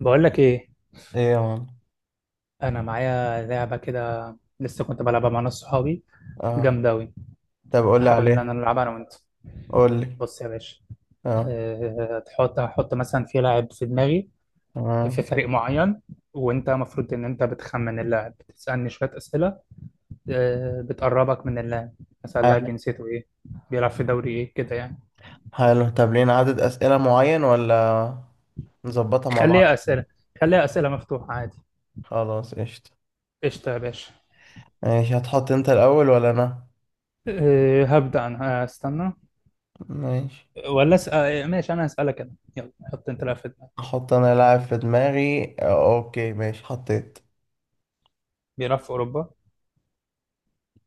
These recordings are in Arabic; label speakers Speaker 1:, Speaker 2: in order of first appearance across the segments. Speaker 1: بقول لك ايه.
Speaker 2: ايه يا مان.
Speaker 1: انا معايا لعبه كده، لسه كنت بلعبها مع ناس صحابي.
Speaker 2: اه،
Speaker 1: جامده اوي.
Speaker 2: طب قول لي
Speaker 1: حابب ان انا
Speaker 2: عليه.
Speaker 1: العبها انا وانت.
Speaker 2: قول لي.
Speaker 1: بص يا باشا.
Speaker 2: اه،
Speaker 1: تحط، هحط مثلا في لاعب في دماغي، في
Speaker 2: تمام.
Speaker 1: فريق معين. وانت المفروض ان انت بتخمن اللاعب، بتسالني شويه اسئله بتقربك من اللاعب. مثلا اللاعب
Speaker 2: حلو.
Speaker 1: جنسيته ايه؟ بيلعب في دوري ايه كده يعني؟
Speaker 2: حلو، طب لينا عدد أسئلة معين ولا نظبطها مع
Speaker 1: خليها
Speaker 2: بعض؟
Speaker 1: اسئله، خليها اسئله مفتوحه عادي.
Speaker 2: خلاص، قشطة.
Speaker 1: قشطه يا باشا.
Speaker 2: ماشي، هتحط انت الأول ولا أنا؟
Speaker 1: هبدا انا، استنى.
Speaker 2: ماشي،
Speaker 1: ولا اسال، ماشي انا هسالك انا. يلا حط انت لاعب في دماغك.
Speaker 2: احط انا لاعب في دماغي. اوكي، ماشي، حطيت.
Speaker 1: بيلعب في اوروبا.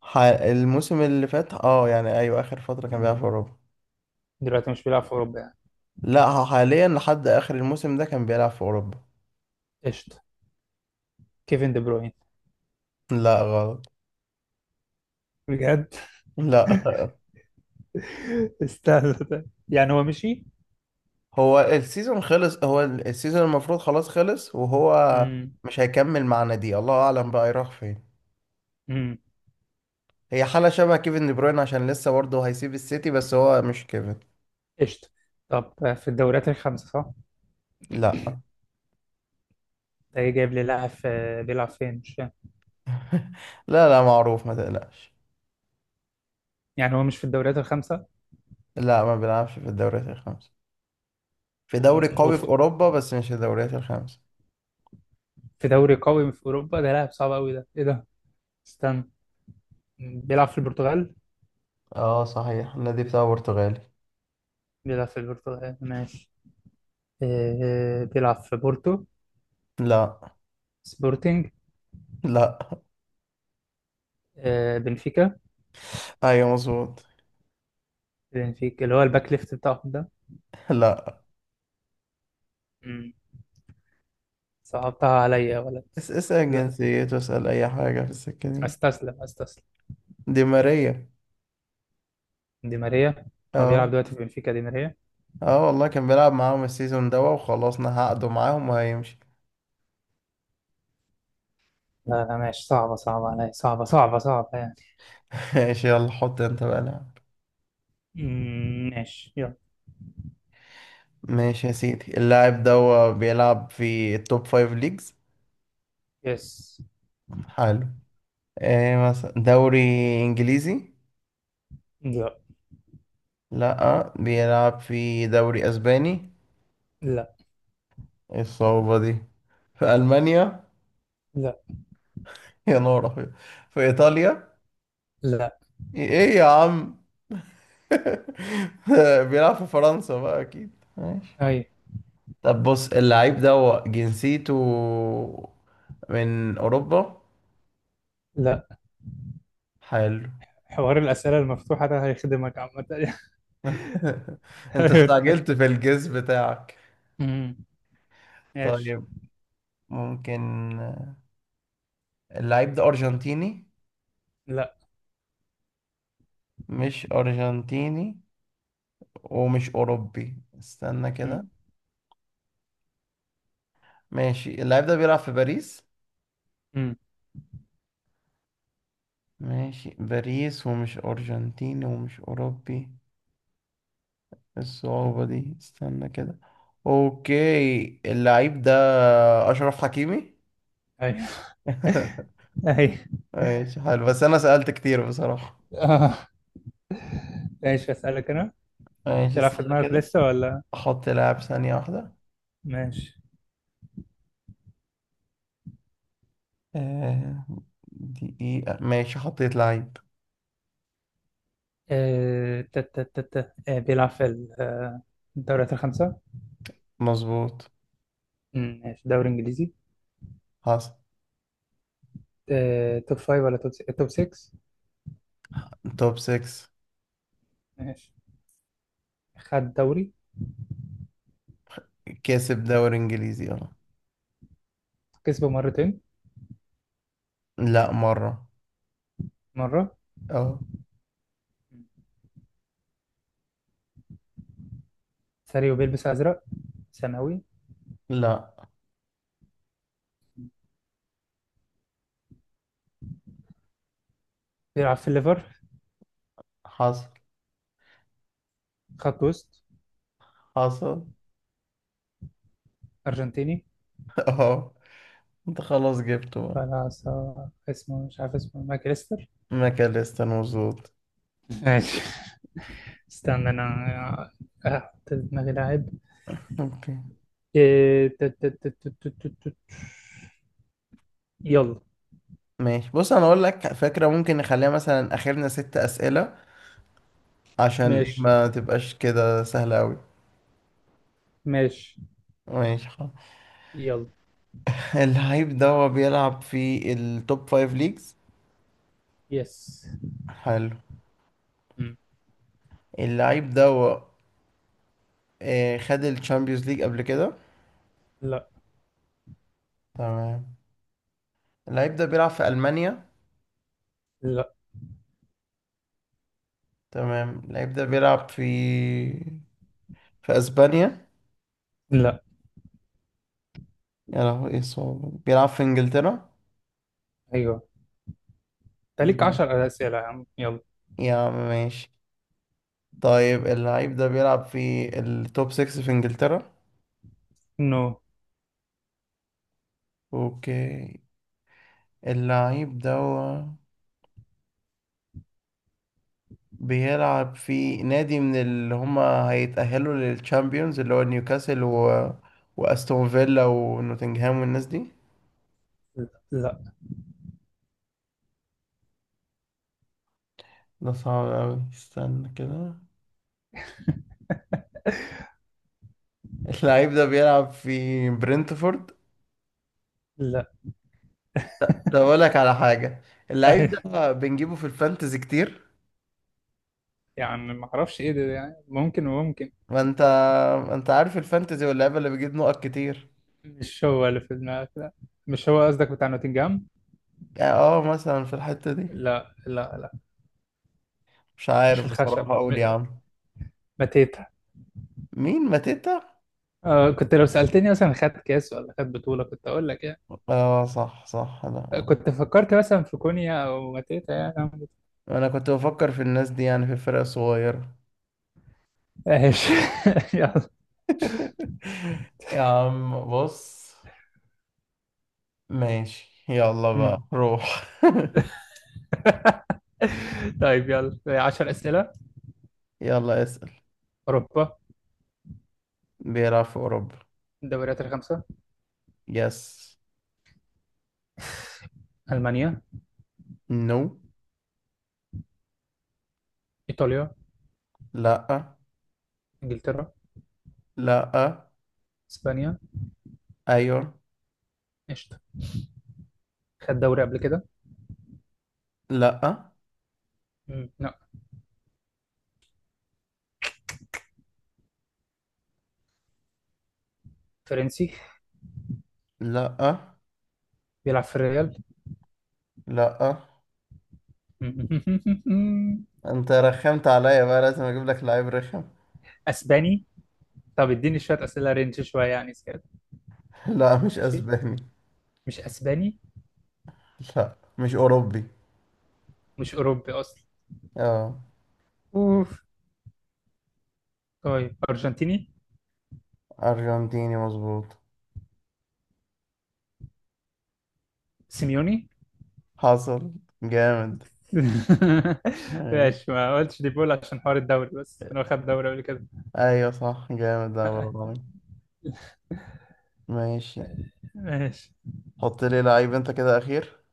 Speaker 2: الموسم اللي فات، اه، يعني ايوه، اخر فترة كان بيلعب في اوروبا.
Speaker 1: دلوقتي مش بيلعب في اوروبا يعني؟
Speaker 2: لا، هو حاليا لحد اخر الموسم ده كان بيلعب في اوروبا.
Speaker 1: قشطه. كيفن دي بروين.
Speaker 2: لا غلط.
Speaker 1: بجد.
Speaker 2: لا.
Speaker 1: استنى طيب. يعني هو مشي؟
Speaker 2: هو السيزون خلص، هو السيزون المفروض خلاص خلص، وهو
Speaker 1: امم.
Speaker 2: مش هيكمل معانا. دي الله اعلم بقى يروح فين.
Speaker 1: امم.
Speaker 2: هي حالة شبه كيفن دي بروين عشان لسه برضه هيسيب السيتي، بس هو مش كيفن.
Speaker 1: قشطه. طب في الدوريات الخمسه، صح؟
Speaker 2: لا،
Speaker 1: ده إيه جايب لي لاعب بيلعب فين مش فاهم.
Speaker 2: لا، لا، معروف، ما تقلقش.
Speaker 1: يعني هو مش في الدوريات الخمسه.
Speaker 2: لا، ما بيلعبش في الدوريات الخمسة، في دوري قوي في
Speaker 1: وفي
Speaker 2: اوروبا بس مش الدوريات الخمسة.
Speaker 1: دوري قوي في اوروبا، ده لاعب صعب قوي، ده ايه ده؟ استنى. بيلعب في البرتغال.
Speaker 2: اه، صحيح النادي بتاعه برتغالي.
Speaker 1: بيلعب في البرتغال، ماشي. بيلعب في بورتو.
Speaker 2: لا.
Speaker 1: سبورتينج.
Speaker 2: لا.
Speaker 1: بنفيكا.
Speaker 2: ايوه، مظبوط.
Speaker 1: بنفيكا اللي هو الباك ليفت بتاعهم ده.
Speaker 2: لا.
Speaker 1: صعبتها عليا يا ولد.
Speaker 2: اسأل
Speaker 1: لا،
Speaker 2: جنسيته، اسأل اي حاجة في السكة دي.
Speaker 1: استسلم استسلم.
Speaker 2: دي ماريا.
Speaker 1: دي ماريا. هو بيلعب
Speaker 2: اه.
Speaker 1: دلوقتي في بنفيكا دي ماريا؟
Speaker 2: اه والله كان بيلعب معاهم السيزون ده وخلصنا عقده معاهم وهيمشي.
Speaker 1: لا لا، ماشي. صعبة، صعبة عليا، صعبة صعبة صعبة يعني.
Speaker 2: ماشي، يلا حط انت بقى لاعب.
Speaker 1: أمم، ماشي يلا.
Speaker 2: ماشي يا سيدي، اللاعب ده هو بيلعب في التوب فايف ليجز.
Speaker 1: يس.
Speaker 2: حلو. ايه مثلا؟ دوري انجليزي؟
Speaker 1: لا.
Speaker 2: لا، بيلعب في دوري اسباني؟
Speaker 1: لا.
Speaker 2: ايه الصعوبة دي؟ في المانيا؟
Speaker 1: لا.
Speaker 2: يا نهار أبيض. في ايطاليا؟
Speaker 1: لا.
Speaker 2: ايه يا عم؟ بيلعب في فرنسا بقى اكيد. ماشي.
Speaker 1: أي.
Speaker 2: طب بص، اللعيب ده هو جنسيته من أوروبا؟
Speaker 1: لا.
Speaker 2: حلو.
Speaker 1: حوار الأسئلة المفتوحة ده هيخدمك عامة يعني.
Speaker 2: أنت استعجلت في الجيس بتاعك.
Speaker 1: أمم، ماشي.
Speaker 2: طيب، ممكن اللعيب ده أرجنتيني؟
Speaker 1: لا.
Speaker 2: مش أرجنتيني ومش أوروبي، استنى
Speaker 1: أمم.
Speaker 2: كده. ماشي، اللعيب ده بيلعب في باريس؟
Speaker 1: أمم.
Speaker 2: ماشي، باريس ومش أرجنتيني ومش أوروبي. إيه الصعوبة دي؟ استنى كده. أوكي، اللعيب ده أشرف حكيمي.
Speaker 1: أي. أي.
Speaker 2: ماشي حلو، بس انا سألت كتير بصراحة.
Speaker 1: آه. ماشي أسألك أنا.
Speaker 2: ماشي،
Speaker 1: في لعب في
Speaker 2: استنى
Speaker 1: دماغك
Speaker 2: كده.
Speaker 1: لسه ولا؟
Speaker 2: احط لاعب. ثانية واحدة.
Speaker 1: ماشي.
Speaker 2: آه، دقيقة. ماشي، حطيت لعيب.
Speaker 1: آه، تا- تا- تا- تا. آه، بيلعب في الدوريات الخمسة.
Speaker 2: مظبوط.
Speaker 1: مم، ماشي. دوري إنجليزي.
Speaker 2: حصل.
Speaker 1: توب فايف ولا توب 6؟
Speaker 2: توب 6.
Speaker 1: ماشي. خد دوري.
Speaker 2: كسب دوري انجليزي؟ اه.
Speaker 1: كسبه مرتين.
Speaker 2: لا، مرة.
Speaker 1: مرة.
Speaker 2: اه.
Speaker 1: سريع وبيلبس أزرق. ثانوي.
Speaker 2: لا.
Speaker 1: بيلعب في الليفر.
Speaker 2: حصل.
Speaker 1: خط وسط.
Speaker 2: حصل.
Speaker 1: أرجنتيني.
Speaker 2: اه. انت خلاص جبته بقى.
Speaker 1: ولا اسمه، مش عارف اسمه، ماكريستر.
Speaker 2: ماكاليستر، مظبوط.
Speaker 1: ماشي. استنى أنا. أحط في دماغي لاعب.
Speaker 2: اوكي
Speaker 1: إيه، يلا.
Speaker 2: ماشي. بص، انا اقول لك فكرة، ممكن نخليها مثلا اخرنا ست اسئلة، عشان
Speaker 1: ماشي.
Speaker 2: ما تبقاش كده سهلة اوي.
Speaker 1: ماشي
Speaker 2: ماشي، خلاص.
Speaker 1: يلا.
Speaker 2: اللعيب ده هو بيلعب في التوب فايف ليجز.
Speaker 1: يس.
Speaker 2: حلو.
Speaker 1: مم.
Speaker 2: اللعيب ده هو خد الشامبيونز ليج قبل كده؟
Speaker 1: لا.
Speaker 2: تمام. اللعيب ده بيلعب في ألمانيا؟
Speaker 1: لا.
Speaker 2: تمام، اللعيب ده بيلعب في في أسبانيا؟
Speaker 1: لا.
Speaker 2: يا لهوي، ايه الصعوبة دي؟ بيلعب في إنجلترا؟
Speaker 1: ايوه. انت ليك
Speaker 2: مم.
Speaker 1: 10 اسئله يا عم، يلا.
Speaker 2: يا عم ماشي. طيب، اللعيب ده بيلعب في التوب 6 في إنجلترا؟
Speaker 1: نو.
Speaker 2: اوكي، اللعيب ده بيلعب في نادي من اللي هما هيتأهلوا للتشامبيونز، اللي هو نيوكاسل وأستون فيلا ونوتنغهام والناس دي؟
Speaker 1: لا. لا.
Speaker 2: ده صعب أوي، استنى كده. اللعيب ده بيلعب في برينتفورد؟
Speaker 1: لا.
Speaker 2: ده أقول لك على حاجة، اللعيب ده بنجيبه في الفانتزي كتير.
Speaker 1: يعني ما اعرفش ايه ده يعني، ممكن وممكن.
Speaker 2: ما انت ما انت عارف الفانتزي واللعيبة اللي بيجيب نقط كتير.
Speaker 1: مش هو اللي في دماغك؟ لا. مش هو قصدك بتاع نوتنجهام؟
Speaker 2: يعني اه مثلا في الحتة دي.
Speaker 1: لا لا لا.
Speaker 2: مش
Speaker 1: مش
Speaker 2: عارف
Speaker 1: الخشب
Speaker 2: بصراحة، اقول يا عم.
Speaker 1: ماتيتا؟
Speaker 2: مين ماتيتا؟
Speaker 1: آه، كنت لو سألتني مثلا خد كاس ولا خد بطولة كنت أقول لك يعني.
Speaker 2: اه، صح، صح،
Speaker 1: كنت فكرت مثلا في كونيا أو ماتيتا يعني.
Speaker 2: انا كنت بفكر في الناس دي، يعني في الفرق الصغيرة.
Speaker 1: ايش. يلا.
Speaker 2: يا عم بص. ماشي، يلا
Speaker 1: مم.
Speaker 2: بقى روح.
Speaker 1: طيب يلا، 10 أسئلة.
Speaker 2: يلا اسأل.
Speaker 1: أوروبا.
Speaker 2: بيلعب في اوروبا.
Speaker 1: الدوريات الخمسة.
Speaker 2: يس.
Speaker 1: ألمانيا.
Speaker 2: نو.
Speaker 1: إيطاليا.
Speaker 2: لا.
Speaker 1: إنجلترا.
Speaker 2: لا.
Speaker 1: إسبانيا.
Speaker 2: ايوه.
Speaker 1: قشطة. خد دوري قبل كده؟
Speaker 2: لا.
Speaker 1: مم. لا. فرنسي.
Speaker 2: لا.
Speaker 1: بيلعب في الريال.
Speaker 2: لا.
Speaker 1: مم.
Speaker 2: انت رخمت عليا، بقى لازم اجيب لك لعيب رخم.
Speaker 1: أسباني. طب اديني شوية أسئلة، رينج شوية يعني زيادة.
Speaker 2: لا، مش
Speaker 1: ماشي.
Speaker 2: اسباني.
Speaker 1: مش أسباني.
Speaker 2: لا، مش اوروبي.
Speaker 1: مش أوروبي أصلا.
Speaker 2: اه.
Speaker 1: أوف. طيب أرجنتيني.
Speaker 2: ارجنتيني، مظبوط.
Speaker 1: سيميوني.
Speaker 2: حصل. جامد. ماشي.
Speaker 1: ماشي. ما قلتش دي بول عشان حوار الدوري، بس إنه خد دوري قبل كده.
Speaker 2: ايوه صح، جامد ده والله. ماشي.
Speaker 1: ماشي.
Speaker 2: حط لي لعيب انت كده اخير.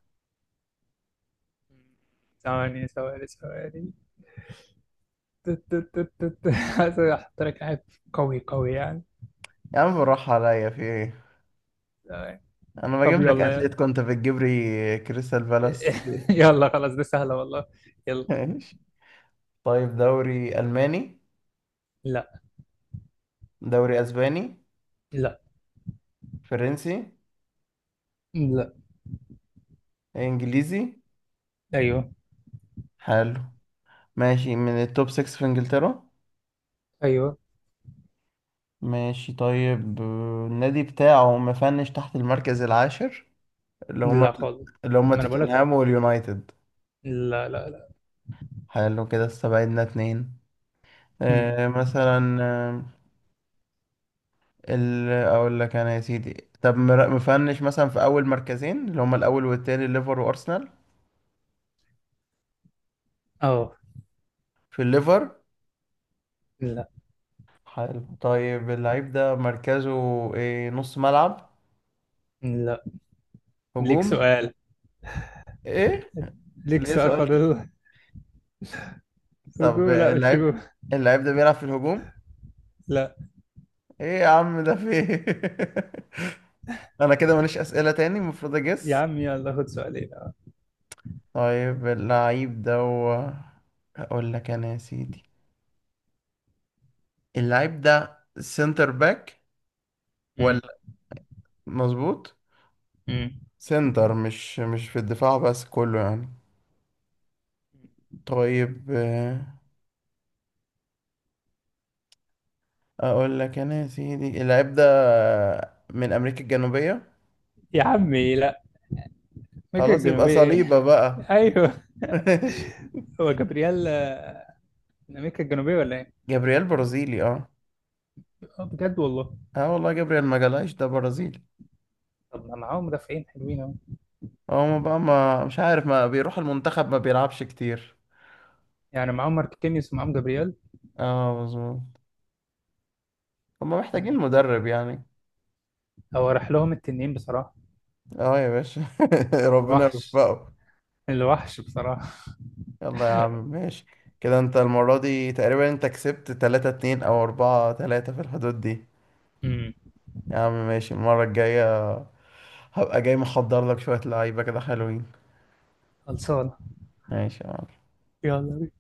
Speaker 1: ثواني ثواني ثواني. تت- تت- تت- تت. عايز احط لك حاجة قوي قوي يعني.
Speaker 2: يا عم بالراحة عليا، في ايه؟
Speaker 1: تمام.
Speaker 2: انا
Speaker 1: طب
Speaker 2: بجيب لك اتليت،
Speaker 1: يلا.
Speaker 2: كنت بتجيب لي كريستال بالاس؟ في ايه؟
Speaker 1: يلا خلاص، دي سهلة والله. يلا.
Speaker 2: ماشي. طيب، دوري الماني؟
Speaker 1: لا.
Speaker 2: دوري اسباني؟
Speaker 1: لا.
Speaker 2: فرنسي؟
Speaker 1: لا.
Speaker 2: انجليزي؟
Speaker 1: ايوه.
Speaker 2: حلو. ماشي، من التوب 6 في انجلترا؟
Speaker 1: ايوه.
Speaker 2: ماشي طيب، النادي بتاعه مفنش تحت المركز العاشر، اللي هما
Speaker 1: لا خالص. ما انا بقولك.
Speaker 2: توتنهام واليونايتد؟
Speaker 1: لا لا لا.
Speaker 2: حلو، كده استبعدنا اتنين.
Speaker 1: أمم.
Speaker 2: آه، مثلا آه، اقول لك انا يا سيدي، طب مفنش مثلا في اول مركزين اللي هما الاول والتاني، الليفر وارسنال؟
Speaker 1: اه.
Speaker 2: في الليفر؟
Speaker 1: لا.
Speaker 2: حلو. طيب، اللعيب ده مركزه إيه؟ نص ملعب؟
Speaker 1: لا. ليك
Speaker 2: هجوم؟
Speaker 1: سؤال.
Speaker 2: ايه؟
Speaker 1: ليك
Speaker 2: ليه
Speaker 1: سؤال
Speaker 2: سؤال؟
Speaker 1: فاضل.
Speaker 2: طب
Speaker 1: هجوم؟ لا، مش
Speaker 2: اللعيب،
Speaker 1: هجوم.
Speaker 2: اللعيب ده بيلعب في الهجوم؟
Speaker 1: لا.
Speaker 2: ايه يا عم ده في إيه؟ انا كده ماليش اسئله تاني، المفروض
Speaker 1: يا
Speaker 2: اجس.
Speaker 1: عم يلا خد سؤالين.
Speaker 2: طيب، اقول لك انا يا سيدي، اللعيب ده سنتر باك
Speaker 1: أمم.
Speaker 2: ولا؟ مظبوط.
Speaker 1: أمم.
Speaker 2: سنتر، مش في الدفاع بس، كله يعني. طيب، اقول لك انا يا سيدي، اللاعب ده من امريكا الجنوبية.
Speaker 1: يا عمي لا. امريكا
Speaker 2: خلاص يبقى
Speaker 1: الجنوبية ايه؟
Speaker 2: صليبة بقى.
Speaker 1: ايوه.
Speaker 2: ماشي.
Speaker 1: هو جبريال، من امريكا الجنوبية ولا ايه؟
Speaker 2: جابرييل برازيلي، اه.
Speaker 1: اه، بجد والله.
Speaker 2: اه والله، جابرييل مجالايش، ده برازيلي.
Speaker 1: طب ما معاهم مدافعين حلوين اهو.
Speaker 2: هو ما بقى، ما مش عارف، ما بيروح المنتخب، ما بيلعبش كتير.
Speaker 1: يعني معاهم ماركينيوس ومعاهم جابرييل.
Speaker 2: اه، مظبوط. هما محتاجين
Speaker 1: يعني.
Speaker 2: مدرب يعني.
Speaker 1: هو راح لهم التنين بصراحة.
Speaker 2: اه يا باشا. ربنا
Speaker 1: الوحش.
Speaker 2: يوفقه.
Speaker 1: الوحش بصراحة.
Speaker 2: يلا يا عم ماشي. كده انت المرة دي تقريبا انت كسبت تلاتة اتنين او اربعة تلاتة في الحدود دي.
Speaker 1: امم.
Speaker 2: يا عم ماشي، المرة الجاية هبقى جاي محضر لك شوية لعيبة كده حلوين.
Speaker 1: خلصانة.
Speaker 2: ماشي يا عم.
Speaker 1: يلا.